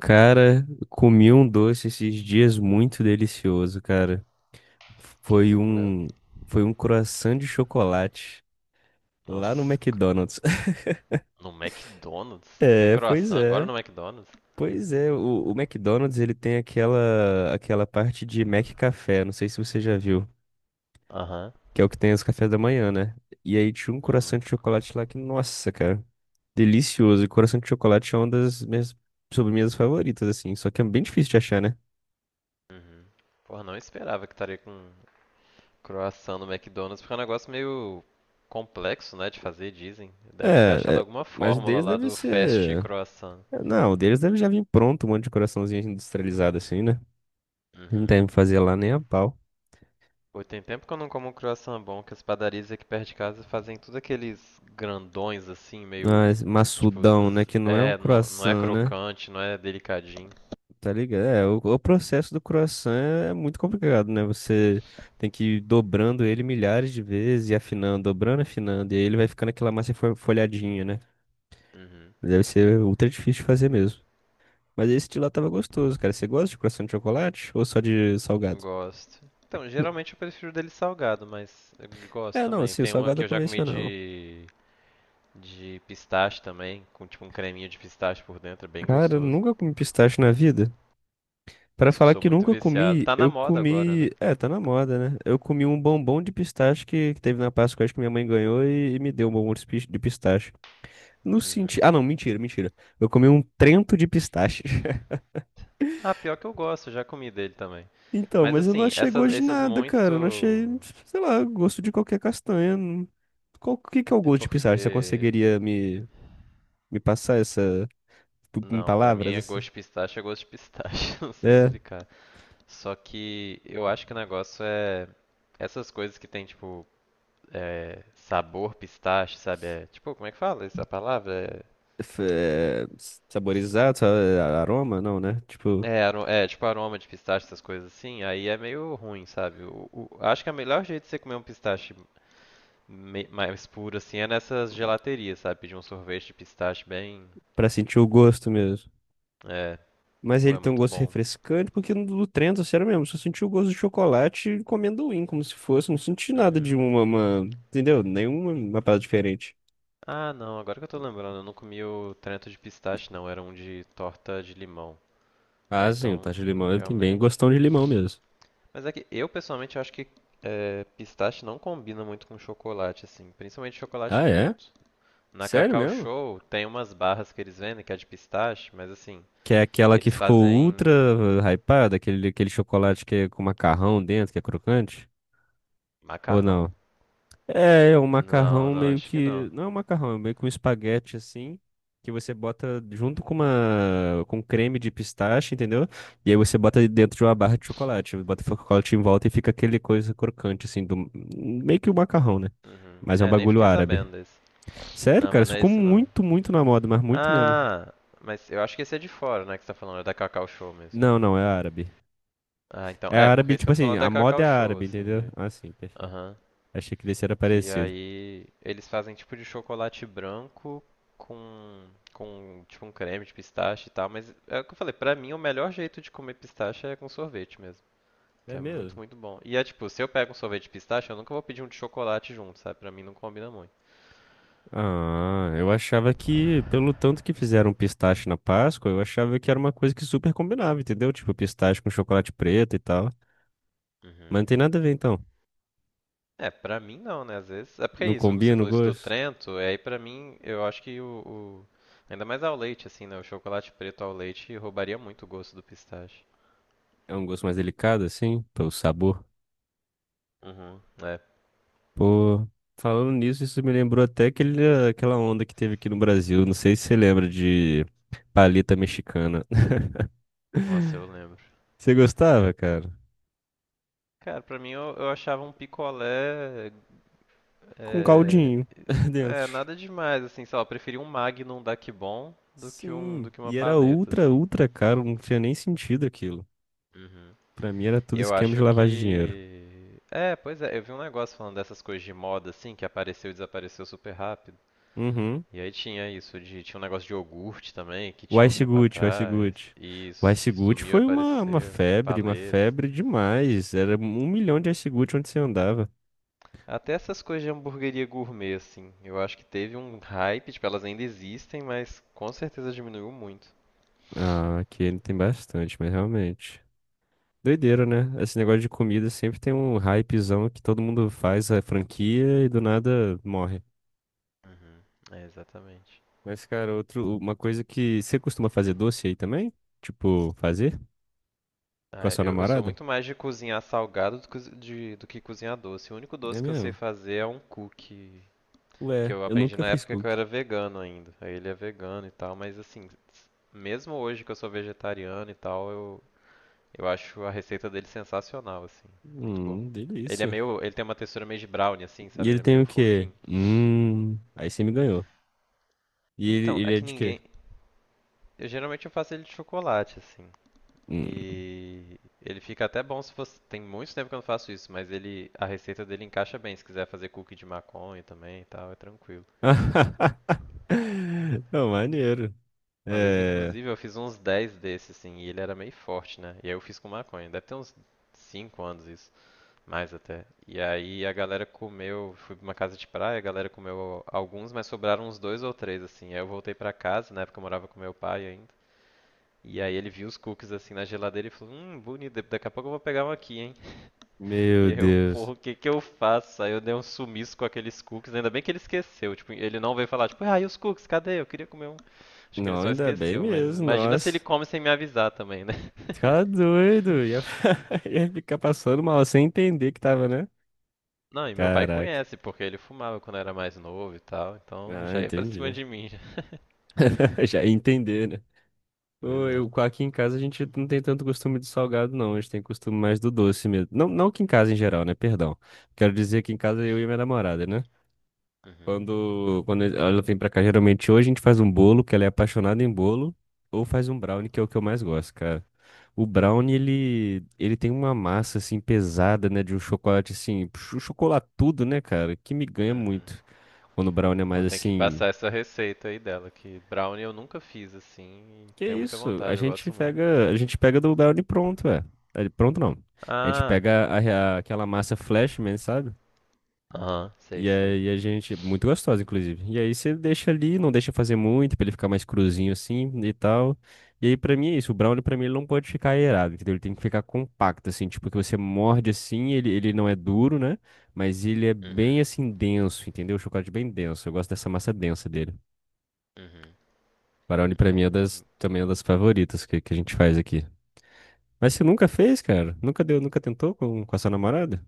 Cara, comi um doce esses dias muito delicioso, cara. O que, que Foi você comeu? um, foi um croissant de chocolate lá no Nossa, McDonald's. no McDonald's? Tem É, pois croissant agora é. no McDonald's? Pois é, o McDonald's, ele tem aquela parte de Mac Café, não sei se você já viu, Aham. que é o que tem os cafés da manhã, né? E aí tinha um Uhum. croissant de chocolate lá que, nossa, cara, delicioso. E croissant de chocolate é uma das minhas sobremesas favoritas assim, só que é bem difícil de achar, né? Uhum. Porra, não esperava que estaria com croissant no McDonald's, porque é um negócio meio complexo, né, de fazer, dizem. Devem ter É, achado é, alguma mas o fórmula deles lá deve do fast ser. croissant. Não, o deles deve já vir pronto, um monte de coraçãozinho industrializado assim, né? Não Uhum. deve fazer lá nem a pau. Pô, tem tempo que eu não como um croissant bom, que as padarias aqui perto de casa fazem tudo aqueles grandões assim, meio. Mas Tipo, maçudão, né? Que não é um é, não é croissant, né? crocante, não é delicadinho. Tá ligado? É, o processo do croissant é muito complicado, né? Você tem que ir dobrando ele milhares de vezes e afinando, dobrando, afinando. E aí ele vai ficando aquela massa folhadinha, né? Uhum. Deve ser ultra difícil de fazer mesmo. Mas esse de lá tava gostoso, cara. Você gosta de croissant de chocolate ou só de salgado? Gosto. Então, geralmente eu prefiro dele salgado, mas eu gosto É, não, também. assim, o Tem uma salgado que eu eu já comi esse, comi não. De pistache também, com tipo um creminho de pistache por dentro, é bem Cara, eu gostoso. nunca comi pistache na vida. Pra Nossa, eu falar sou que muito nunca viciado. comi, Tá na eu moda agora, comi. né? É, tá na moda, né? Eu comi um bombom de pistache que teve na Páscoa, acho que minha mãe ganhou e me deu um bombom de de pistache. No Uhum. sentido. Ah, não, mentira, mentira. Eu comi um trento de pistache. Ah, pior que eu gosto, eu já comi dele também. Então, Mas mas eu não assim, achei essas, gosto de esses nada, muito. cara. Eu não achei, sei lá, gosto de qualquer castanha. Não. Qual, o que que é o É gosto de porque. pistache? Você conseguiria me passar essa, tipo, em Não, pra mim palavras? é Essa... gosto de pistache, é gosto de pistache, não sei É, explicar. Só que eu acho que o negócio é. Essas coisas que tem, tipo, é, sabor pistache, sabe? É, tipo, como é que fala essa palavra? É, é. Saborizado, aroma? Não, né? Tipo, é, é, tipo aroma de pistache, essas coisas assim. Aí é meio ruim, sabe? O, acho que o melhor jeito de você comer um pistache mais puro assim é nessas gelaterias, sabe? Pedir um sorvete de pistache bem. pra sentir o gosto mesmo. É, Mas pô, ele é tem um muito gosto bom. refrescante, porque no do Trento, sério mesmo, só senti o gosto de chocolate com amendoim, como se fosse. Não senti nada de Uhum. uma entendeu? Nenhuma uma parada diferente. Ah, não, agora que eu tô lembrando, eu não comi o Trento de pistache, não. Era um de torta de limão. É, Ah, sim, o então, tacho de limão, ele tem bem realmente. gostão de limão mesmo. Mas é que eu pessoalmente acho que é, pistache não combina muito com chocolate, assim, principalmente chocolate Ah, é? preto. Na Sério Cacau mesmo? Show tem umas barras que eles vendem que é de pistache, mas assim, Que é aquela que eles ficou fazem ultra hypada, aquele, aquele chocolate que é com macarrão dentro, que é crocante? Ou macarrão? não? É, é um Não, macarrão não, meio acho que que. não. Não é um macarrão, é meio que um espaguete assim, que você bota junto com uma, com creme de pistache, entendeu? E aí você bota dentro de uma barra de chocolate. Bota o chocolate em volta e fica aquele coisa crocante, assim, do, meio que o macarrão, né? Uhum. Mas é um É, nem bagulho fiquei árabe. sabendo desse. Sério, Não, cara, mas isso não é ficou esse não. muito, muito na moda, mas muito mesmo. Ah, mas eu acho que esse é de fora, né, que você tá falando, é da Cacau Show mesmo. Não, não, é árabe. Ah, então, É é, porque é árabe, isso que tipo eu tô assim, falando é a da moda Cacau é Show, árabe, assim, entendeu? de... Ah, sim, perfeito. Aham. Achei que desse era Que parecido. aí eles fazem tipo de chocolate branco com, com tipo um creme de pistache e tal. Mas é o que eu falei, pra mim o melhor jeito de comer pistache é com sorvete mesmo. Que É é muito, mesmo? muito bom. E é tipo, se eu pego um sorvete de pistache, eu nunca vou pedir um de chocolate junto, sabe? Pra mim não combina muito. Ah, eu achava que, pelo tanto que fizeram pistache na Páscoa, eu achava que era uma coisa que super combinava, entendeu? Tipo, pistache com chocolate preto e tal. Mas Uhum. não tem nada a ver, então. É, pra mim não, né? Às vezes. É porque é Não isso, você combina o falou isso do gosto? Trento, e aí pra mim eu acho que o, ainda mais ao leite, assim, né? O chocolate preto ao leite roubaria muito o gosto do pistache. É um gosto mais delicado, assim, pelo sabor. Uhum. É. Pô, falando nisso, isso me lembrou até aquele, aquela onda que teve aqui no Brasil. Não sei se você lembra de paleta mexicana. Nossa, eu lembro. Você gostava, cara? Cara, pra mim eu achava um picolé. Com É, caldinho é, dentro. nada demais, assim, sei lá, eu preferi um Magnum da Kibon do que um, Sim, do que uma e era paleta, ultra, assim. ultra caro, não tinha nem sentido aquilo. Uhum. Pra mim era E tudo Eu esquema de acho lavagem de dinheiro. que. É, pois é, eu vi um negócio falando dessas coisas de moda, assim, que apareceu e desapareceu super rápido. Uhum. E aí tinha isso, de, tinha um negócio de iogurte também, que O tinha um Ice tempo Gucci, o Ice atrás. Gucci. O Isso, Ice que Gucci sumiu e foi uma apareceu. febre, uma Paleta. febre demais. Era um milhão de Ice Gucci onde você andava. Até essas coisas de hamburgueria gourmet, assim, eu acho que teve um hype, tipo, elas ainda existem, mas com certeza diminuiu muito. Ah, aqui ele tem bastante, mas realmente. Doideira, né? Esse negócio de comida sempre tem um hypezão que todo mundo faz a franquia e do nada morre. Uhum, é, exatamente. Mas, cara, outro, uma coisa que você costuma fazer doce aí também? Tipo, fazer com, a Ah, sua eu sou namorada? muito mais de cozinhar salgado do, do que cozinhar doce. O único É doce que eu sei mesmo? fazer é um cookie, que Ué, eu eu aprendi nunca na fiz época que eu cookie. era vegano ainda. Aí ele é vegano e tal, mas assim, mesmo hoje que eu sou vegetariano e tal, eu acho a receita dele sensacional, assim, muito bom. Ele é Delícia. meio, ele tem uma textura meio de brownie, assim, E sabe? ele Ele é tem meio o quê? fofinho. Hum. Aí você me ganhou. E ele, Então, é ele é que de quê? ninguém. Eu geralmente eu faço ele de chocolate, assim. Hum. E ele fica até bom se fosse. Tem muito tempo que eu não faço isso, mas ele. A receita dele encaixa bem. Se quiser fazer cookie de maconha também e tal, é tranquilo. Não, maneiro. Uma vez, É. inclusive, eu fiz uns 10 desses, assim, e ele era meio forte, né? E aí eu fiz com maconha. Deve ter uns 5 anos isso, mais até. E aí a galera comeu. Fui pra uma casa de praia, a galera comeu alguns, mas sobraram uns dois ou três, assim. Aí eu voltei pra casa, na época eu morava com meu pai ainda. E aí ele viu os cookies assim na geladeira e falou, bonito, daqui a pouco eu vou pegar um aqui, hein? E Meu aí eu, porra, Deus. o que que eu faço? Aí eu dei um sumiço com aqueles cookies, ainda bem que ele esqueceu, tipo, ele não veio falar, tipo, ah, e os cookies, cadê? Eu queria comer um. Acho que ele Não, só ainda bem esqueceu, mas mesmo, imagina se ele nossa. come sem me avisar também, né? Ficar doido. Ia, ia ficar passando mal sem entender que tava, né? Não, e meu pai Caraca. conhece, porque ele fumava quando era mais novo e tal, então Ah, já ia pra cima entendi. de mim. Já. Já ia entender, né? Pois Ô, é. Aqui em casa a gente não tem tanto costume de salgado, não. A gente tem costume mais do doce mesmo. Não, não que em casa em geral, né? Perdão. Quero dizer que em casa eu e minha namorada, né? Uhum. Quando ela vem pra cá, geralmente hoje a gente faz um bolo, que ela é apaixonada em bolo, ou faz um brownie, que é o que eu mais gosto, cara. O brownie, ele tem uma massa, assim, pesada, né, de um chocolate, assim, chocolatudo, né, cara, que me ganha Uhum. muito. Quando o brownie é mais, Pô, tem que assim, passar essa receita aí dela, que brownie eu nunca fiz assim, e que tenho muita isso? Vontade, eu gosto muito. A gente pega do brownie pronto, é. É, pronto não. A gente Ah, pega aquela massa Flashman, sabe? aham, sei, E sei. aí a gente, muito gostosa, inclusive. E aí você deixa ali, não deixa fazer muito, pra ele ficar mais cruzinho assim e tal. E aí pra mim é isso, o brownie pra mim ele não pode ficar aerado, entendeu? Ele tem que ficar compacto, assim, tipo que você morde assim, ele não é duro, né? Mas ele é bem Uhum, assim denso, entendeu? O chocolate é bem denso, eu gosto dessa massa densa dele. uhum. Brownie pra mim É, é é das, também é das favoritas que a gente faz aqui. Mas você nunca fez, cara? Nunca deu, nunca tentou com a sua namorada?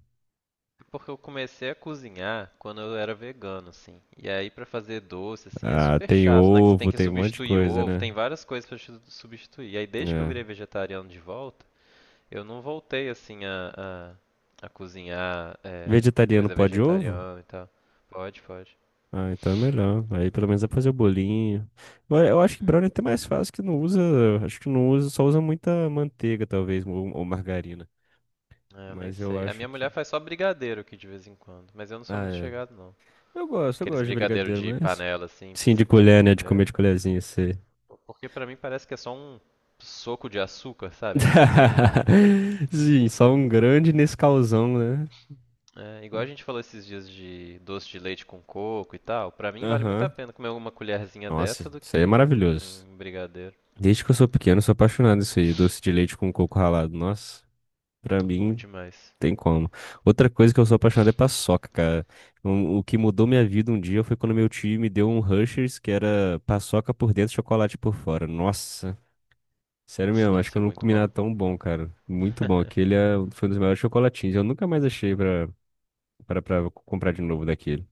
porque eu comecei a cozinhar quando eu era vegano, assim. E aí pra fazer doce, assim, é Ah, super tem chato, né? Que você tem ovo, que tem um monte de substituir coisa, ovo, tem várias coisas pra substituir. E aí desde que eu né? virei vegetariano de volta, eu não voltei, assim, a cozinhar é, Vegetariano coisa pode ovo? vegetariana e tal. Pode, pode. Ah, então é melhor. Aí pelo menos dá pra fazer o bolinho. Eu acho que Uhum. brownie é até mais fácil que não usa. Acho que não usa, só usa muita manteiga, talvez, ou margarina. É, eu nem Mas eu sei. A acho minha que. mulher faz só brigadeiro aqui de vez em quando, mas eu não sou Ah, muito é. chegado, não. Eu Aqueles gosto de brigadeiros brigadeiro, de mas. panela, assim, pra Sim, você de comer na colher, né? De comer colher. de colherzinha, sei. Porque pra mim parece que é só um soco de açúcar, sabe? Não tem. Sim, só um grande Nescauzão, né? É, igual a gente falou esses dias de doce de leite com coco e tal. Pra mim vale muito a Aham. pena comer uma colherzinha Nossa, dessa do isso aí é que maravilhoso. um brigadeiro. Desde que eu sou pequeno, eu, sou apaixonado isso aí, doce de leite com coco ralado. Nossa, pra Bom mim demais. tem como. Outra coisa que eu sou apaixonado é paçoca, cara. Um, o que mudou minha vida um dia foi quando meu tio me deu um Hershey's que era paçoca por dentro, chocolate por fora. Nossa, sério Isso mesmo, deve acho que ser eu não muito comi bom. nada tão bom, cara. Muito bom. Aquele é, foi um dos melhores chocolatinhos. Eu nunca mais achei pra, pra comprar de novo daquele.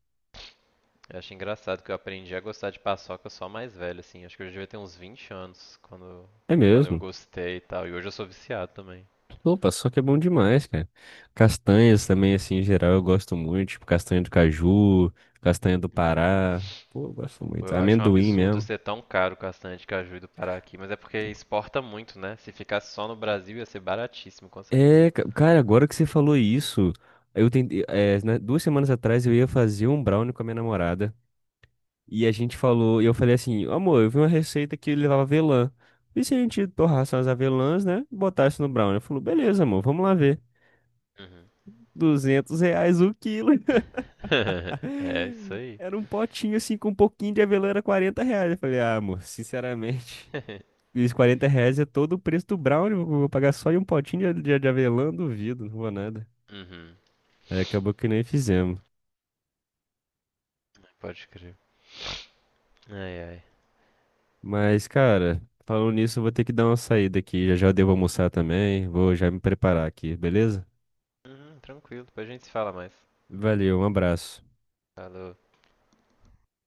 Eu acho engraçado que eu aprendi a gostar de paçoca só mais velho, assim. Acho que eu já devia ter uns 20 anos quando, É quando eu mesmo. gostei e tal. E hoje eu sou viciado também. Pô, paçoca é bom demais, cara. Castanhas também, assim, em geral, eu gosto muito. Tipo, castanha do caju, castanha do Uhum. Pará. Pô, eu gosto Pô, muito. eu acho um Amendoim absurdo mesmo. ser tão caro o castanha de caju do Pará aqui, mas é porque exporta muito, né? Se ficasse só no Brasil ia ser baratíssimo, com certeza. É, ca- cara, agora que você falou isso, eu tentei, é, né, 2 semanas atrás eu ia fazer um brownie com a minha namorada e a gente falou, e eu falei assim, amor, eu vi uma receita que levava avelã. E se a gente torrasse umas avelãs, né, e botasse no brownie? Ela falou, beleza, amor, vamos lá ver. Uhum. R$ 200 o quilo. É isso aí. Era um potinho assim com um pouquinho de avelã, era R$ 40. Eu falei, ah, amor, sinceramente, esses R$ 40 é todo o preço do brownie, eu vou pagar só em um potinho de avelã, duvido, não vou nada. Uhum. Aí acabou que nem fizemos. Pode crer. Ai, ai. Mas, cara, falando nisso, eu vou ter que dar uma saída aqui. Já já eu devo almoçar também. Vou já me preparar aqui, beleza? Uhum, tranquilo, depois a gente se fala mais. Valeu, um abraço. Falou.